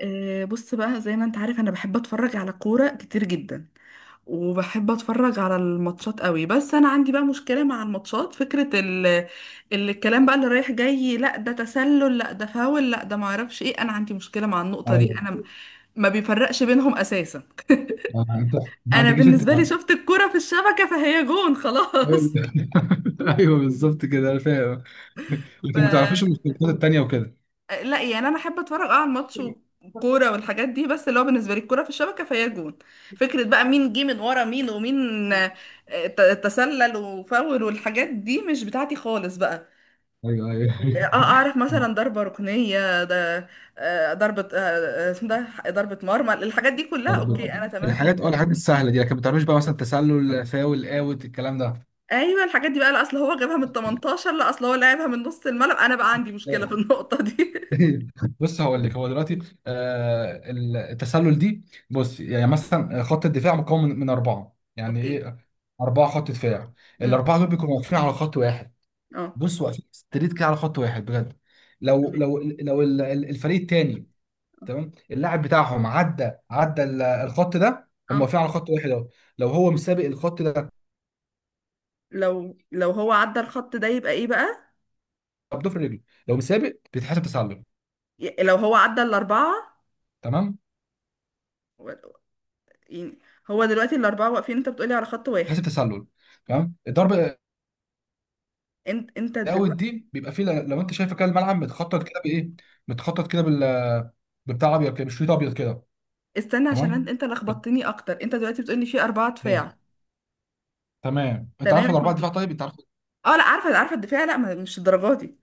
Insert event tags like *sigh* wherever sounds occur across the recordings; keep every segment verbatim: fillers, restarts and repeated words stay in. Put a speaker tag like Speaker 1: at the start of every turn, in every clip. Speaker 1: آه، بص بقى زي ما انت عارف، انا بحب اتفرج على كورة كتير جدا، وبحب اتفرج على الماتشات قوي. بس انا عندي بقى مشكلة مع الماتشات. فكرة ال... الكلام بقى اللي رايح جاي، لا ده تسلل، لا ده فاول، لا ده معرفش ايه. انا عندي مشكلة مع النقطة دي،
Speaker 2: ايوه.
Speaker 1: انا ما بيفرقش بينهم اساسا.
Speaker 2: آه، انت ما
Speaker 1: انا
Speaker 2: عندكيش انت.
Speaker 1: بالنسبة لي شفت الكورة في الشبكة فهي جون
Speaker 2: ايوه.
Speaker 1: خلاص.
Speaker 2: *laughs* أيوة، بالظبط كده انا فاهم.
Speaker 1: *laughs* ف
Speaker 2: لكن ما تعرفيش المشتقات التانية وكده.
Speaker 1: لا يعني انا احب اتفرج اه على الماتش وكوره والحاجات دي، بس اللي هو بالنسبه لي الكوره في الشبكه فهي جون. فكره بقى مين جه من ورا مين ومين، آه، ت- تسلل وفاول والحاجات دي مش بتاعتي خالص بقى.
Speaker 2: ايوه، ايوه.
Speaker 1: اه آه، اعرف
Speaker 2: *laughs*
Speaker 1: مثلا ضربه ركنيه ده، آه، ضربه آه، آه، اسمه ده ضربه مرمى. الحاجات دي كلها اوكي،
Speaker 2: برضه.
Speaker 1: انا تمام فيها.
Speaker 2: الحاجات اه الحاجات السهله دي، لكن ما تعرفيش بقى مثلا تسلل، فاول، اوت، الكلام ده.
Speaker 1: ايوه، الحاجات دي بقى لا اصل هو جابها من تمنتاشر، لا اصل هو لعبها من نص الملعب. انا بقى عندي مشكله في النقطه دي.
Speaker 2: *laughs* بص، هقول لك. هو دلوقتي. آه التسلل دي. بص، يعني مثلا خط الدفاع مكون من من اربعه.
Speaker 1: *laughs*
Speaker 2: يعني
Speaker 1: اوكي.
Speaker 2: ايه؟ اربعه خط دفاع.
Speaker 1: امم.
Speaker 2: الاربعه دول بيكونوا واقفين على خط واحد.
Speaker 1: اه.
Speaker 2: بص، واقفين ستريت كده على خط واحد بجد. لو
Speaker 1: تمام.
Speaker 2: لو لو ال- ال- الفريق التاني. تمام. اللاعب بتاعهم عدى عدى ال- الخط ده، هم
Speaker 1: اه،
Speaker 2: واقفين على خط واحد اهو. لو هو مسابق الخط ده.
Speaker 1: لو لو هو عدى الخط ده يبقى ايه بقى؟
Speaker 2: بضفر رجله. لو مسابق، بيتحسب تسلل.
Speaker 1: ي- لو هو عدى الأربعة
Speaker 2: تمام،
Speaker 1: و- يعني، هو دلوقتي الأربعة واقفين انت بتقولي على خط
Speaker 2: بيتحسب
Speaker 1: واحد.
Speaker 2: تسلل. تمام، الضربه.
Speaker 1: انت انت
Speaker 2: الاوت
Speaker 1: دلوقتي،
Speaker 2: دي بيبقى فيه. لو انت شايف كده الملعب متخطط كده بايه. متخطط كده بال، ببتاع ابيض كده، بشريط ابيض كده.
Speaker 1: استنى عشان انت
Speaker 2: تمام.
Speaker 1: انت لخبطتني اكتر. انت دلوقتي بتقولي في أربعة
Speaker 2: إيه،
Speaker 1: دفاع؟
Speaker 2: تمام. انت
Speaker 1: تمام،
Speaker 2: عارف
Speaker 1: احنا
Speaker 2: الاربعه
Speaker 1: بت-
Speaker 2: دفاع؟ طيب، انت عارف.
Speaker 1: اه لا، عارفة عارفة الدفاع، لا ما- مش الدرجات دي.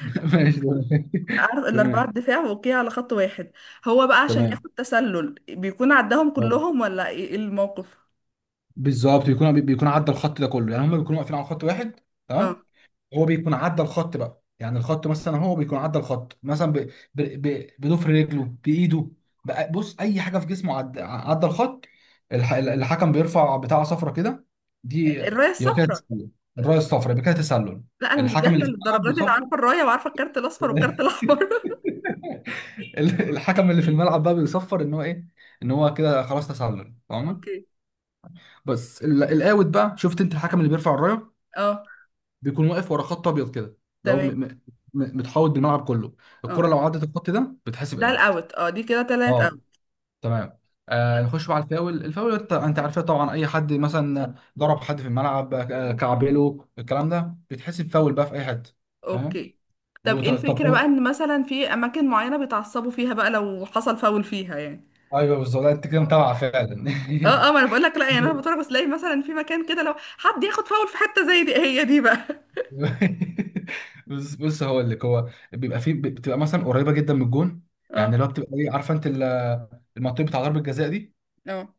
Speaker 2: *laughs* ماشي، تمام.
Speaker 1: عارف
Speaker 2: *laughs*
Speaker 1: الأربعة
Speaker 2: تمام.
Speaker 1: الدفاع اوكي على خط واحد، هو بقى عشان
Speaker 2: تمام،
Speaker 1: ياخد تسلل بيكون عداهم
Speaker 2: أه.
Speaker 1: كلهم ولا ايه إيه الموقف؟
Speaker 2: بالظبط، بيكون بيكون عدى الخط ده كله، يعني هم بيكونوا واقفين على خط واحد.
Speaker 1: اه.
Speaker 2: تمام. هو بيكون عدى الخط بقى. يعني الخط مثلا، هو بيكون عدى الخط مثلا ب... ب... ب... بضفر رجله، بايده. بقى بص، اي حاجه في جسمه عدى عدى الخط. الح... الحكم بيرفع بتاعه صفرة كده، دي.
Speaker 1: الراية
Speaker 2: يبقى كده
Speaker 1: الصفراء.
Speaker 2: تسلل. الرايه الصفراء يبقى كده تسلل.
Speaker 1: لا، انا مش
Speaker 2: الحكم اللي
Speaker 1: جاهلة
Speaker 2: في الملعب
Speaker 1: للدرجات دي، انا
Speaker 2: بيصفر.
Speaker 1: عارفة الراية وعارفة الكارت الأصفر والكارت الأحمر. *laughs*
Speaker 2: *laughs* الحكم اللي في الملعب بقى بيصفر ان هو ايه، ان هو كده خلاص تسلل. فاهمه؟
Speaker 1: اوكي.
Speaker 2: بس ال- الاوت بقى، شفت انت الحكم اللي بيرفع الرايه،
Speaker 1: اه.
Speaker 2: بيكون واقف ورا خط ابيض كده. لو م...
Speaker 1: تمام.
Speaker 2: م... م- متحوط بالملعب كله. الكره
Speaker 1: اه،
Speaker 2: لو عدت الخط ده بتحسب
Speaker 1: ده
Speaker 2: اوت.
Speaker 1: الاوت. اه، دي كده تلات
Speaker 2: اه،
Speaker 1: اوت.
Speaker 2: تمام. آه نخش بقى على الفاول. الفاول انت انت عارفها طبعا. اي حد مثلا ضرب حد في الملعب، آه، كعبله، الكلام ده بيتحسب فاول بقى في اي حته. فاهم؟
Speaker 1: اوكي. طب
Speaker 2: وط-
Speaker 1: ايه
Speaker 2: طب.
Speaker 1: الفكرة بقى ان مثلا في اماكن معينة بيتعصبوا فيها بقى لو حصل فاول فيها يعني؟
Speaker 2: ايوه بالظبط. لا، انت كده متابع فعلا.
Speaker 1: اه اه، ما انا بقول لك، لا يعني انا
Speaker 2: *laughs*
Speaker 1: بتفرج، بس الاقي مثلا في مكان كده لو حد ياخد فاول في حتة زي دي، هي دي بقى.
Speaker 2: بص بص هقول لك. هو بيبقى فيه، بتبقى مثلا قريبه جدا من الجون.
Speaker 1: *laughs*
Speaker 2: يعني
Speaker 1: اه
Speaker 2: اللي هو بتبقى ايه، عارفه انت ال- المنطقه بتاع ضربه الجزاء دي؟
Speaker 1: اه.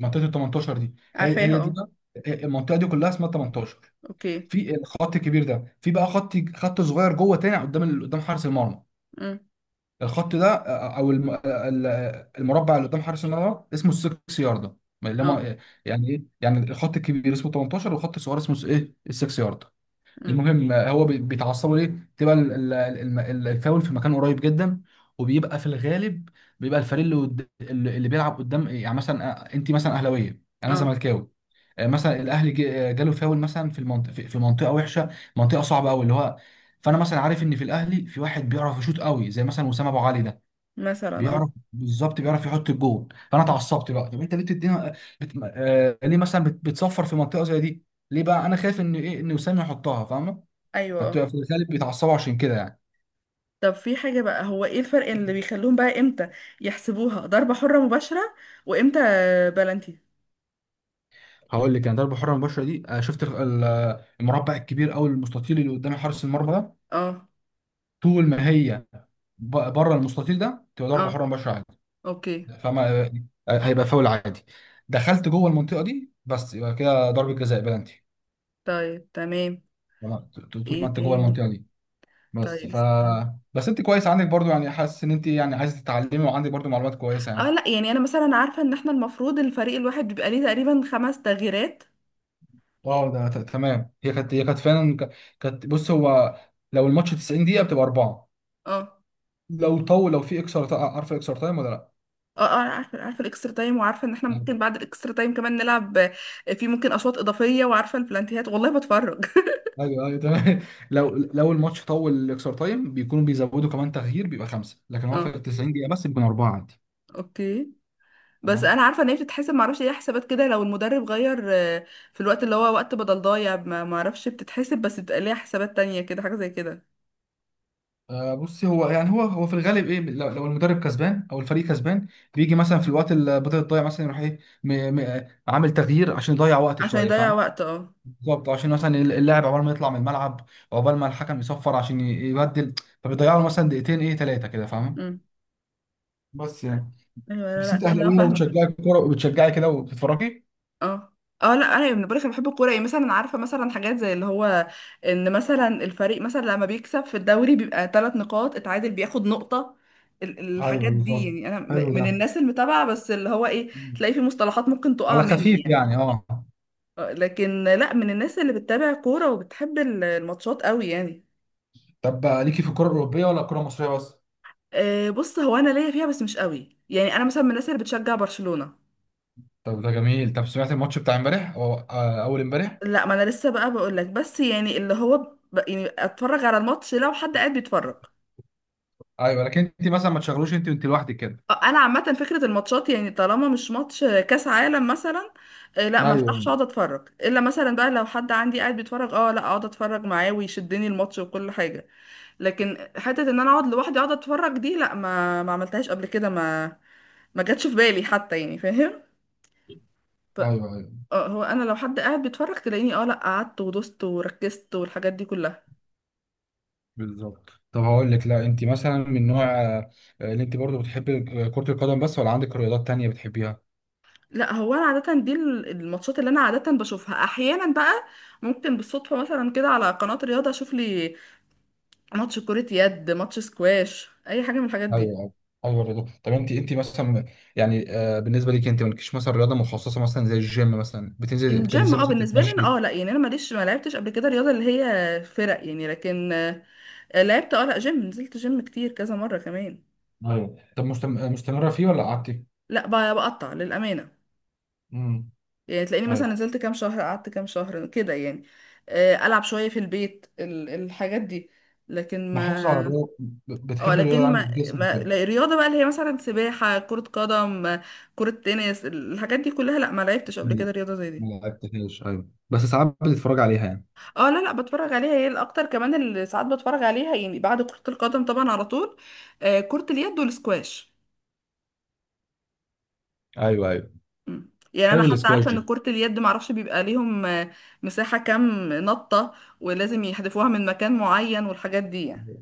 Speaker 2: منطقه ال تمنتاشر دي، هي
Speaker 1: عارفاها.
Speaker 2: هي دي
Speaker 1: اه.
Speaker 2: بقى. آه، آه، المنطقه دي كلها اسمها ثمانية عشر.
Speaker 1: اوكي.
Speaker 2: في الخط الكبير ده، في بقى خط خط صغير جوه تاني قدام ال- قدام حارس المرمى.
Speaker 1: امم.
Speaker 2: الخط ده، آه، آه، او الم- آه، ال- آه، المربع اللي قدام حارس المرمى اسمه السكس ياردة. ما اللي
Speaker 1: اه.
Speaker 2: هم. يعني ايه؟ يعني الخط الكبير اسمه تمنتاشر والخط الصغير اسمه ايه؟ السكس ياردة.
Speaker 1: امم.
Speaker 2: المهم، آه، هو بي- بيتعصبوا ليه؟ تبقى ال- ال- الم- ال- الفاول في مكان قريب جدا. وبيبقى في الغالب. بيبقى الفريق اللي قد- اللي اللي بيلعب قدام. يعني مثلا، آه، انت مثلا اهلاويه انا
Speaker 1: اه.
Speaker 2: زملكاوي. آه، مثلا الاهلي ج- آه، جاله فاول مثلا في المنطقه، في في منطقه وحشه. منطقه صعبه قوي، اللي هو. فانا مثلا عارف ان في الاهلي في واحد بيعرف يشوط قوي، زي مثلا وسام ابو علي ده.
Speaker 1: مثلا. اه.
Speaker 2: بيعرف بالظبط، بيعرف يحط الجول. فانا اتعصبت بقى، طب انت ليه بتدينا؟ بت... آه... ليه مثلا بت... بتصفر في منطقه زي دي؟ ليه بقى؟ انا خايف ان ايه، ان وسام يحطها. فاهمه؟
Speaker 1: ايوه. اه.
Speaker 2: فبتبقى في الغالب بيتعصبوا عشان كده يعني.
Speaker 1: طب في حاجة بقى، هو ايه الفرق اللي بيخلوهم بقى امتى يحسبوها ضربة حرة مباشرة، وامتى بلنتي؟
Speaker 2: هقول لك، يعني ضربه حره مباشره دي، آه، شفت ال- ال- المربع الكبير او المستطيل اللي قدام حارس المرمى ده.
Speaker 1: اه.
Speaker 2: طول ما هي ب- بره المستطيل ده تبقى ضربه
Speaker 1: اه.
Speaker 2: حره مباشره عادي.
Speaker 1: اوكي.
Speaker 2: فما آه، آه، هيبقى فاول عادي. دخلت جوه المنطقه دي بس، يبقى كده ضربه جزاء بلانتي.
Speaker 1: طيب، تمام.
Speaker 2: تمام؟ ط- ط- طول ما
Speaker 1: ايه
Speaker 2: انت جوه
Speaker 1: تاني؟
Speaker 2: المنطقه دي. بس
Speaker 1: طيب،
Speaker 2: ف
Speaker 1: استنى.
Speaker 2: بس انت كويس، عندك برضو يعني، حاسس ان انت يعني عايز تتعلمي، وعندك برضو معلومات كويسه
Speaker 1: اه
Speaker 2: يعني.
Speaker 1: لا يعني، انا مثلا عارفه ان احنا المفروض الفريق الواحد بيبقى ليه تقريبا خمس تغييرات.
Speaker 2: اه، ده ت- تمام. هي كانت هي كانت فعلا ك- كانت. بص، هو لو الماتش تسعين دقيقة بتبقى أربعة.
Speaker 1: اه.
Speaker 2: لو طول لو في اكسترا تايم. عارف اكسترا تايم ولا لا؟
Speaker 1: اه اه، عارفه عارفه الاكسترا تايم، وعارفه ان احنا
Speaker 2: ايوه،
Speaker 1: ممكن بعد الاكسترا تايم كمان نلعب، آه، في ممكن اشواط اضافيه، وعارفه البلانتيهات. والله بتفرج.
Speaker 2: ايوه، أيوة، تمام. *laughs* لو لو الماتش طول الاكسترا تايم بيكونوا بيزودوا كمان تغيير، بيبقى خمسة. لكن
Speaker 1: *laughs*
Speaker 2: هو في
Speaker 1: اه.
Speaker 2: ال تسعين دقيقة بس بيكون أربعة عادي.
Speaker 1: اوكي. بس
Speaker 2: تمام.
Speaker 1: انا عارفه ان هي بتتحسب معرفش ايه حسابات كده، لو المدرب غير آه، في الوقت اللي هو وقت بدل ضايع، ما معرفش بتتحسب، بس بتبقى ليها حسابات تانية كده، حاجه زي كده.
Speaker 2: آه بص هو، يعني هو هو في الغالب ايه، لو لو المدرب كسبان او الفريق كسبان، بيجي مثلا في الوقت اللي بدأت تضيع، مثلا يروح ايه، م- م- عامل تغيير عشان يضيع وقت
Speaker 1: عشان
Speaker 2: شويه.
Speaker 1: يضيع
Speaker 2: فاهم؟
Speaker 1: وقت، اه.
Speaker 2: بالظبط، عشان مثلا اللاعب عقبال ما يطلع من الملعب، عقبال ما الحكم يصفر عشان ي- يبدل، فبيضيعوا له مثلا دقيقتين، ايه، ثلاثه كده. فاهم؟
Speaker 1: امم.
Speaker 2: بس يعني.
Speaker 1: ايوه، لا
Speaker 2: بس
Speaker 1: لا،
Speaker 2: انت
Speaker 1: احنا
Speaker 2: اهلاويه
Speaker 1: فاهمه.
Speaker 2: وبتشجعي كوره وبتشجعي كده وبتتفرجي.
Speaker 1: اه. اه لا، انا من بقولك انا بحب الكوره، يعني مثلا عارفه مثلا حاجات زي اللي هو ان مثلا الفريق مثلا لما بيكسب في الدوري بيبقى ثلاث نقاط، اتعادل بياخد نقطه. ال-
Speaker 2: ايوه
Speaker 1: الحاجات دي
Speaker 2: بالظبط.
Speaker 1: يعني، انا
Speaker 2: حلو
Speaker 1: م- من
Speaker 2: ده.
Speaker 1: الناس المتابعه، بس اللي هو ايه،
Speaker 2: مم.
Speaker 1: تلاقي في مصطلحات ممكن تقع
Speaker 2: على
Speaker 1: مني
Speaker 2: خفيف
Speaker 1: يعني.
Speaker 2: يعني، اه.
Speaker 1: آه، لكن لا، من الناس اللي بتتابع كوره وبتحب ال- الماتشات قوي يعني.
Speaker 2: طب ليكي في الكره الاوروبيه ولا الكره المصريه بس؟
Speaker 1: أه، بص هو انا ليا فيها بس مش قوي يعني، انا مثلا من الناس اللي بتشجع برشلونه.
Speaker 2: طب، ده جميل. طب، سمعت الماتش بتاع امبارح او آه، اول امبارح؟
Speaker 1: لا، ما انا لسه بقى بقول لك، بس يعني اللي هو ب- يعني اتفرج على الماتش لو حد قاعد بيتفرج.
Speaker 2: ايوه، لكن انت مثلا ما تشغلوش، انت وانت لوحدك كده؟
Speaker 1: انا عامه فكره الماتشات يعني، طالما مش ماتش كاس عالم مثلا آه، لا ما افتحش
Speaker 2: ايوه،
Speaker 1: اقعد اتفرج، الا مثلا بقى لو حد عندي قاعد بيتفرج، اه لا اقعد اتفرج معاه ويشدني الماتش وكل حاجه. لكن حته ان انا اقعد لوحدي اقعد اتفرج دي، لا ما ما عملتهاش قبل كده، ما ما جاتش في بالي حتى، يعني فاهم. ف-
Speaker 2: ايوه، ايوه
Speaker 1: آه، هو انا لو حد قاعد بيتفرج تلاقيني اه، لا قعدت ودوست وركزت والحاجات دي كلها.
Speaker 2: بالظبط. طب هقول لك، لا انت مثلا من نوع آه، اللي انت برضو بتحبي كرة القدم بس ولا عندك رياضات تانية بتحبيها؟
Speaker 1: لا، هو انا عاده دي ال- الماتشات اللي انا عاده بشوفها احيانا بقى، ممكن بالصدفه مثلا كده على قناه رياضه اشوف لي ماتش كرة يد، ماتش سكواش، اي حاجة من الحاجات دي.
Speaker 2: ايوه، ايوه، ايوه الرياضة. طب انت انت مثلا، يعني آه، بالنسبة ليك، انت مالكيش مثلا رياضة مخصصة؟ مثلا زي الجيم مثلا، بتنزل
Speaker 1: الجيم،
Speaker 2: بتنزل
Speaker 1: اه
Speaker 2: مثلا
Speaker 1: بالنسبة لي انا،
Speaker 2: تتمشي.
Speaker 1: اه لا يعني انا ماليش، ما لعبتش قبل كده رياضة اللي هي فرق يعني، لكن آه، لعبت، اه لا جيم، نزلت جيم كتير كذا مرة كمان.
Speaker 2: ايوه. طب مستم... مستمرة فيه ولا قعدتي؟
Speaker 1: لا، ب- بقطع للأمانة،
Speaker 2: امم.
Speaker 1: يعني تلاقيني مثلا
Speaker 2: ايوه،
Speaker 1: نزلت كام شهر، قعدت كام شهر كده يعني. آه، ألعب شوية في البيت، ال- الحاجات دي، لكن
Speaker 2: محافظة على
Speaker 1: ما.
Speaker 2: الرياضة. ب-
Speaker 1: اه
Speaker 2: بتحب الرياضة،
Speaker 1: لكن
Speaker 2: عندك
Speaker 1: ما,
Speaker 2: الجسم
Speaker 1: ما
Speaker 2: وكده.
Speaker 1: لا، الرياضة بقى اللي هي مثلا سباحة، كرة قدم، آه، كرة تنس، الحاجات دي كلها، لا ما لعبتش قبل
Speaker 2: لا،
Speaker 1: كده رياضة زي
Speaker 2: ما
Speaker 1: دي.
Speaker 2: لعبتهاش. ايوه، بس ساعات بتتفرج عليها يعني.
Speaker 1: اه لا لا، بتفرج عليها، هي الاكتر كمان اللي ساعات بتفرج عليها يعني بعد كرة القدم طبعا على طول، آه كرة اليد والسكواش.
Speaker 2: ايوه، ايوه،
Speaker 1: مم. يعني انا
Speaker 2: حلو
Speaker 1: حتى
Speaker 2: الاسكواش.
Speaker 1: عارفة ان كرة اليد معرفش بيبقى ليهم آه، مساحة كام نطة ولازم يحذفوها من مكان معين والحاجات دي يعني.
Speaker 2: دي،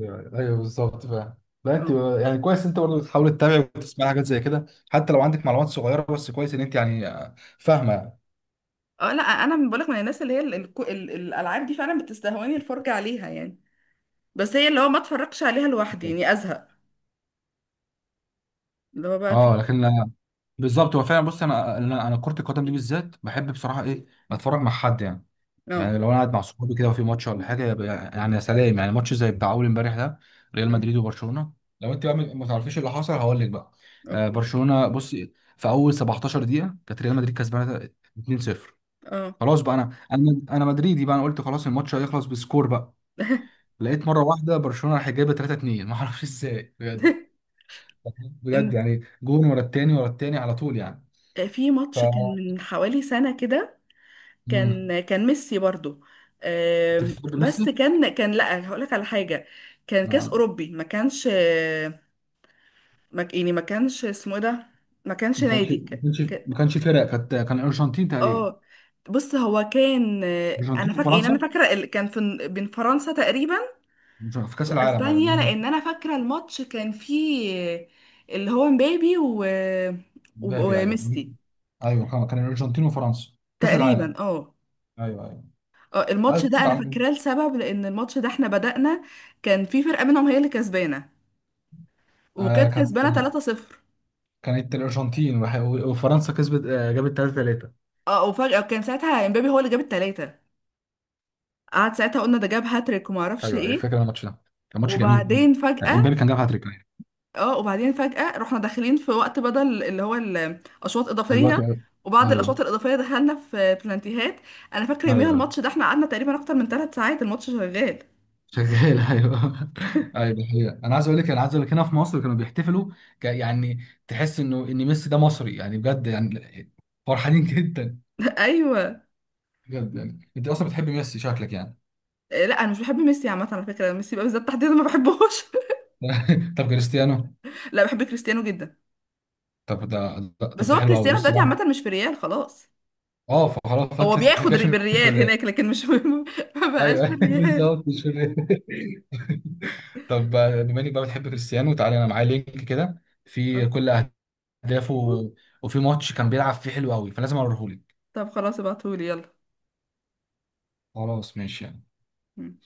Speaker 2: ايوه، أيوة بالظبط فاهم. لا، انت
Speaker 1: اه.
Speaker 2: يعني كويس، انت برضه بتحاول تتابع وتسمع حاجات زي كده، حتى لو عندك معلومات صغيره، بس كويس ان انت يعني آه، فاهمه يعني.
Speaker 1: اه لا، انا من بقولك من الناس اللي هي ال- الكو- ال- الالعاب دي فعلا بتستهواني الفرجة عليها يعني، بس هي اللي هو ما اتفرجش عليها لوحدي يعني ازهق، اللي هو بقى
Speaker 2: اه،
Speaker 1: في.
Speaker 2: لكن آه، بالظبط. هو فعلا بص، انا انا أنا كره القدم دي بالذات بحب بصراحه ايه، اتفرج مع حد يعني.
Speaker 1: اه.
Speaker 2: يعني لو انا قاعد مع صحابي كده وفي ماتش ولا حاجه، يبقى يعني يا سلام. يعني ماتش زي بتاع اول امبارح ده، ريال
Speaker 1: مم.
Speaker 2: مدريد وبرشلونه. لو انت بقى ما تعرفيش اللي حصل، هقول لك بقى. آه
Speaker 1: اوكي.
Speaker 2: برشلونه، بص. في اول سبعتاشر دقيقه كانت ريال مدريد كسبانه اتنين صفر.
Speaker 1: اه.
Speaker 2: خلاص بقى، انا انا انا مدريدي بقى، انا قلت خلاص الماتش هيخلص بسكور بقى. لقيت مره واحده برشلونه راح جايبه تلاته اتنين، ما اعرفش *laughs* ازاي بجد.
Speaker 1: *laughs*
Speaker 2: بجد
Speaker 1: إن-
Speaker 2: يعني، جون ورا التاني ورا التاني على طول يعني.
Speaker 1: آه، في
Speaker 2: ف.
Speaker 1: ماتش كان من حوالي سنة كده،
Speaker 2: امم.
Speaker 1: كان كان ميسي برضو،
Speaker 2: انت
Speaker 1: آم،
Speaker 2: بتحب
Speaker 1: بس
Speaker 2: ميسي؟
Speaker 1: كان كان لا، هقولك على حاجة. كان كاس
Speaker 2: ما
Speaker 1: أوروبي، ما كانش، ما ك- يعني ما كانش اسمه إيه ده، ما كانش
Speaker 2: ما كانش
Speaker 1: نادي
Speaker 2: ما
Speaker 1: ك...
Speaker 2: كانش
Speaker 1: ك...
Speaker 2: ما كانش فرق، كانت كان الارجنتين تقريبا.
Speaker 1: اه، بص هو كان، آه، انا
Speaker 2: الارجنتين
Speaker 1: فاكره، يعني انا
Speaker 2: وفرنسا.
Speaker 1: فاكره ال- كان في بين فرنسا تقريبا
Speaker 2: في كاس العالم.
Speaker 1: واسبانيا،
Speaker 2: ايوه.
Speaker 1: لان انا فاكره الماتش كان فيه آه، اللي هو مبابي و... و-
Speaker 2: مبابي. ايوه.
Speaker 1: وميسي
Speaker 2: ايوه، كان كان الارجنتين وفرنسا. كاس
Speaker 1: تقريبا،
Speaker 2: العالم.
Speaker 1: اه.
Speaker 2: ايوه، ايوه.
Speaker 1: آه،
Speaker 2: ايوه،
Speaker 1: الماتش
Speaker 2: كاس
Speaker 1: ده انا
Speaker 2: العالم.
Speaker 1: فاكراه لسبب، لان الماتش ده احنا بدأنا كان في فرقة منهم هي اللي كسبانة،
Speaker 2: آه
Speaker 1: وكانت
Speaker 2: كانت.
Speaker 1: كسبانة ثلاثة صفر.
Speaker 2: كانت الارجنتين وح- وفرنسا، كسبت آه جابت تلاته تلاته.
Speaker 1: اه، وفجأة كان ساعتها امبابي هو اللي جاب التلاتة. قعد ساعتها قلنا ده جاب هاتريك وما اعرفش
Speaker 2: ايوه، ايوه،
Speaker 1: ايه،
Speaker 2: فاكر أنا الماتش ده. كان ماتش جميل.
Speaker 1: وبعدين
Speaker 2: آه،
Speaker 1: فجأة،
Speaker 2: امبابي كان جاب هاتريك يعني.
Speaker 1: اه وبعدين فجأة رحنا داخلين في وقت بدل اللي هو الاشواط
Speaker 2: دلوقتي،
Speaker 1: اضافية،
Speaker 2: ايوه.
Speaker 1: وبعد الاشواط
Speaker 2: ايوه،
Speaker 1: الاضافية دخلنا في بلانتيهات. انا فاكرة يوميها
Speaker 2: ايوه
Speaker 1: الماتش ده احنا قعدنا تقريبا اكتر من ثلاث ساعات الماتش شغال.
Speaker 2: شغال، ايوه. *laughs* ايوه دي حقيقة. انا عايز اقول لك انا عايز اقول لك هنا في مصر كانوا بيحتفلوا. ك... يعني تحس انه ان ميسي ده مصري يعني، بجد يعني. فرحانين *laughs* جدا.
Speaker 1: *laughs* ايوه.
Speaker 2: بجد يعني، انت اصلا بتحب ميسي شكلك يعني.
Speaker 1: آه، لا انا مش بحب ميسي عامه، على فكره ميسي بقى بالذات تحديدا ما بحبهوش.
Speaker 2: *laughs* طب كريستيانو؟
Speaker 1: *laughs* لا، بحب كريستيانو جدا.
Speaker 2: طب ده ده-
Speaker 1: بس
Speaker 2: طب ده
Speaker 1: هو
Speaker 2: حلو قوي،
Speaker 1: كريستيانو
Speaker 2: بص
Speaker 1: دلوقتي
Speaker 2: بقى.
Speaker 1: عامة مش في ريال خلاص.
Speaker 2: اه، فخلاص
Speaker 1: هو
Speaker 2: فتحي
Speaker 1: بياخد
Speaker 2: كاش
Speaker 1: ري-
Speaker 2: مش في
Speaker 1: بالريال
Speaker 2: الريال.
Speaker 1: هناك لكن مش *laughs* ما بقاش
Speaker 2: ايوه *laughs*
Speaker 1: بالريال.
Speaker 2: بالظبط، مش في الريال. *laughs* طب، بما انك بقى بتحب كريستيانو، تعالى. انا معايا لينك كده في
Speaker 1: آه،
Speaker 2: كل اهدافه و- وفي ماتش كان بيلعب فيه حلو قوي، فلازم اوريهولك.
Speaker 1: طب خلاص ابعتهولي يلا.
Speaker 2: خلاص ماشي يعني.
Speaker 1: مم.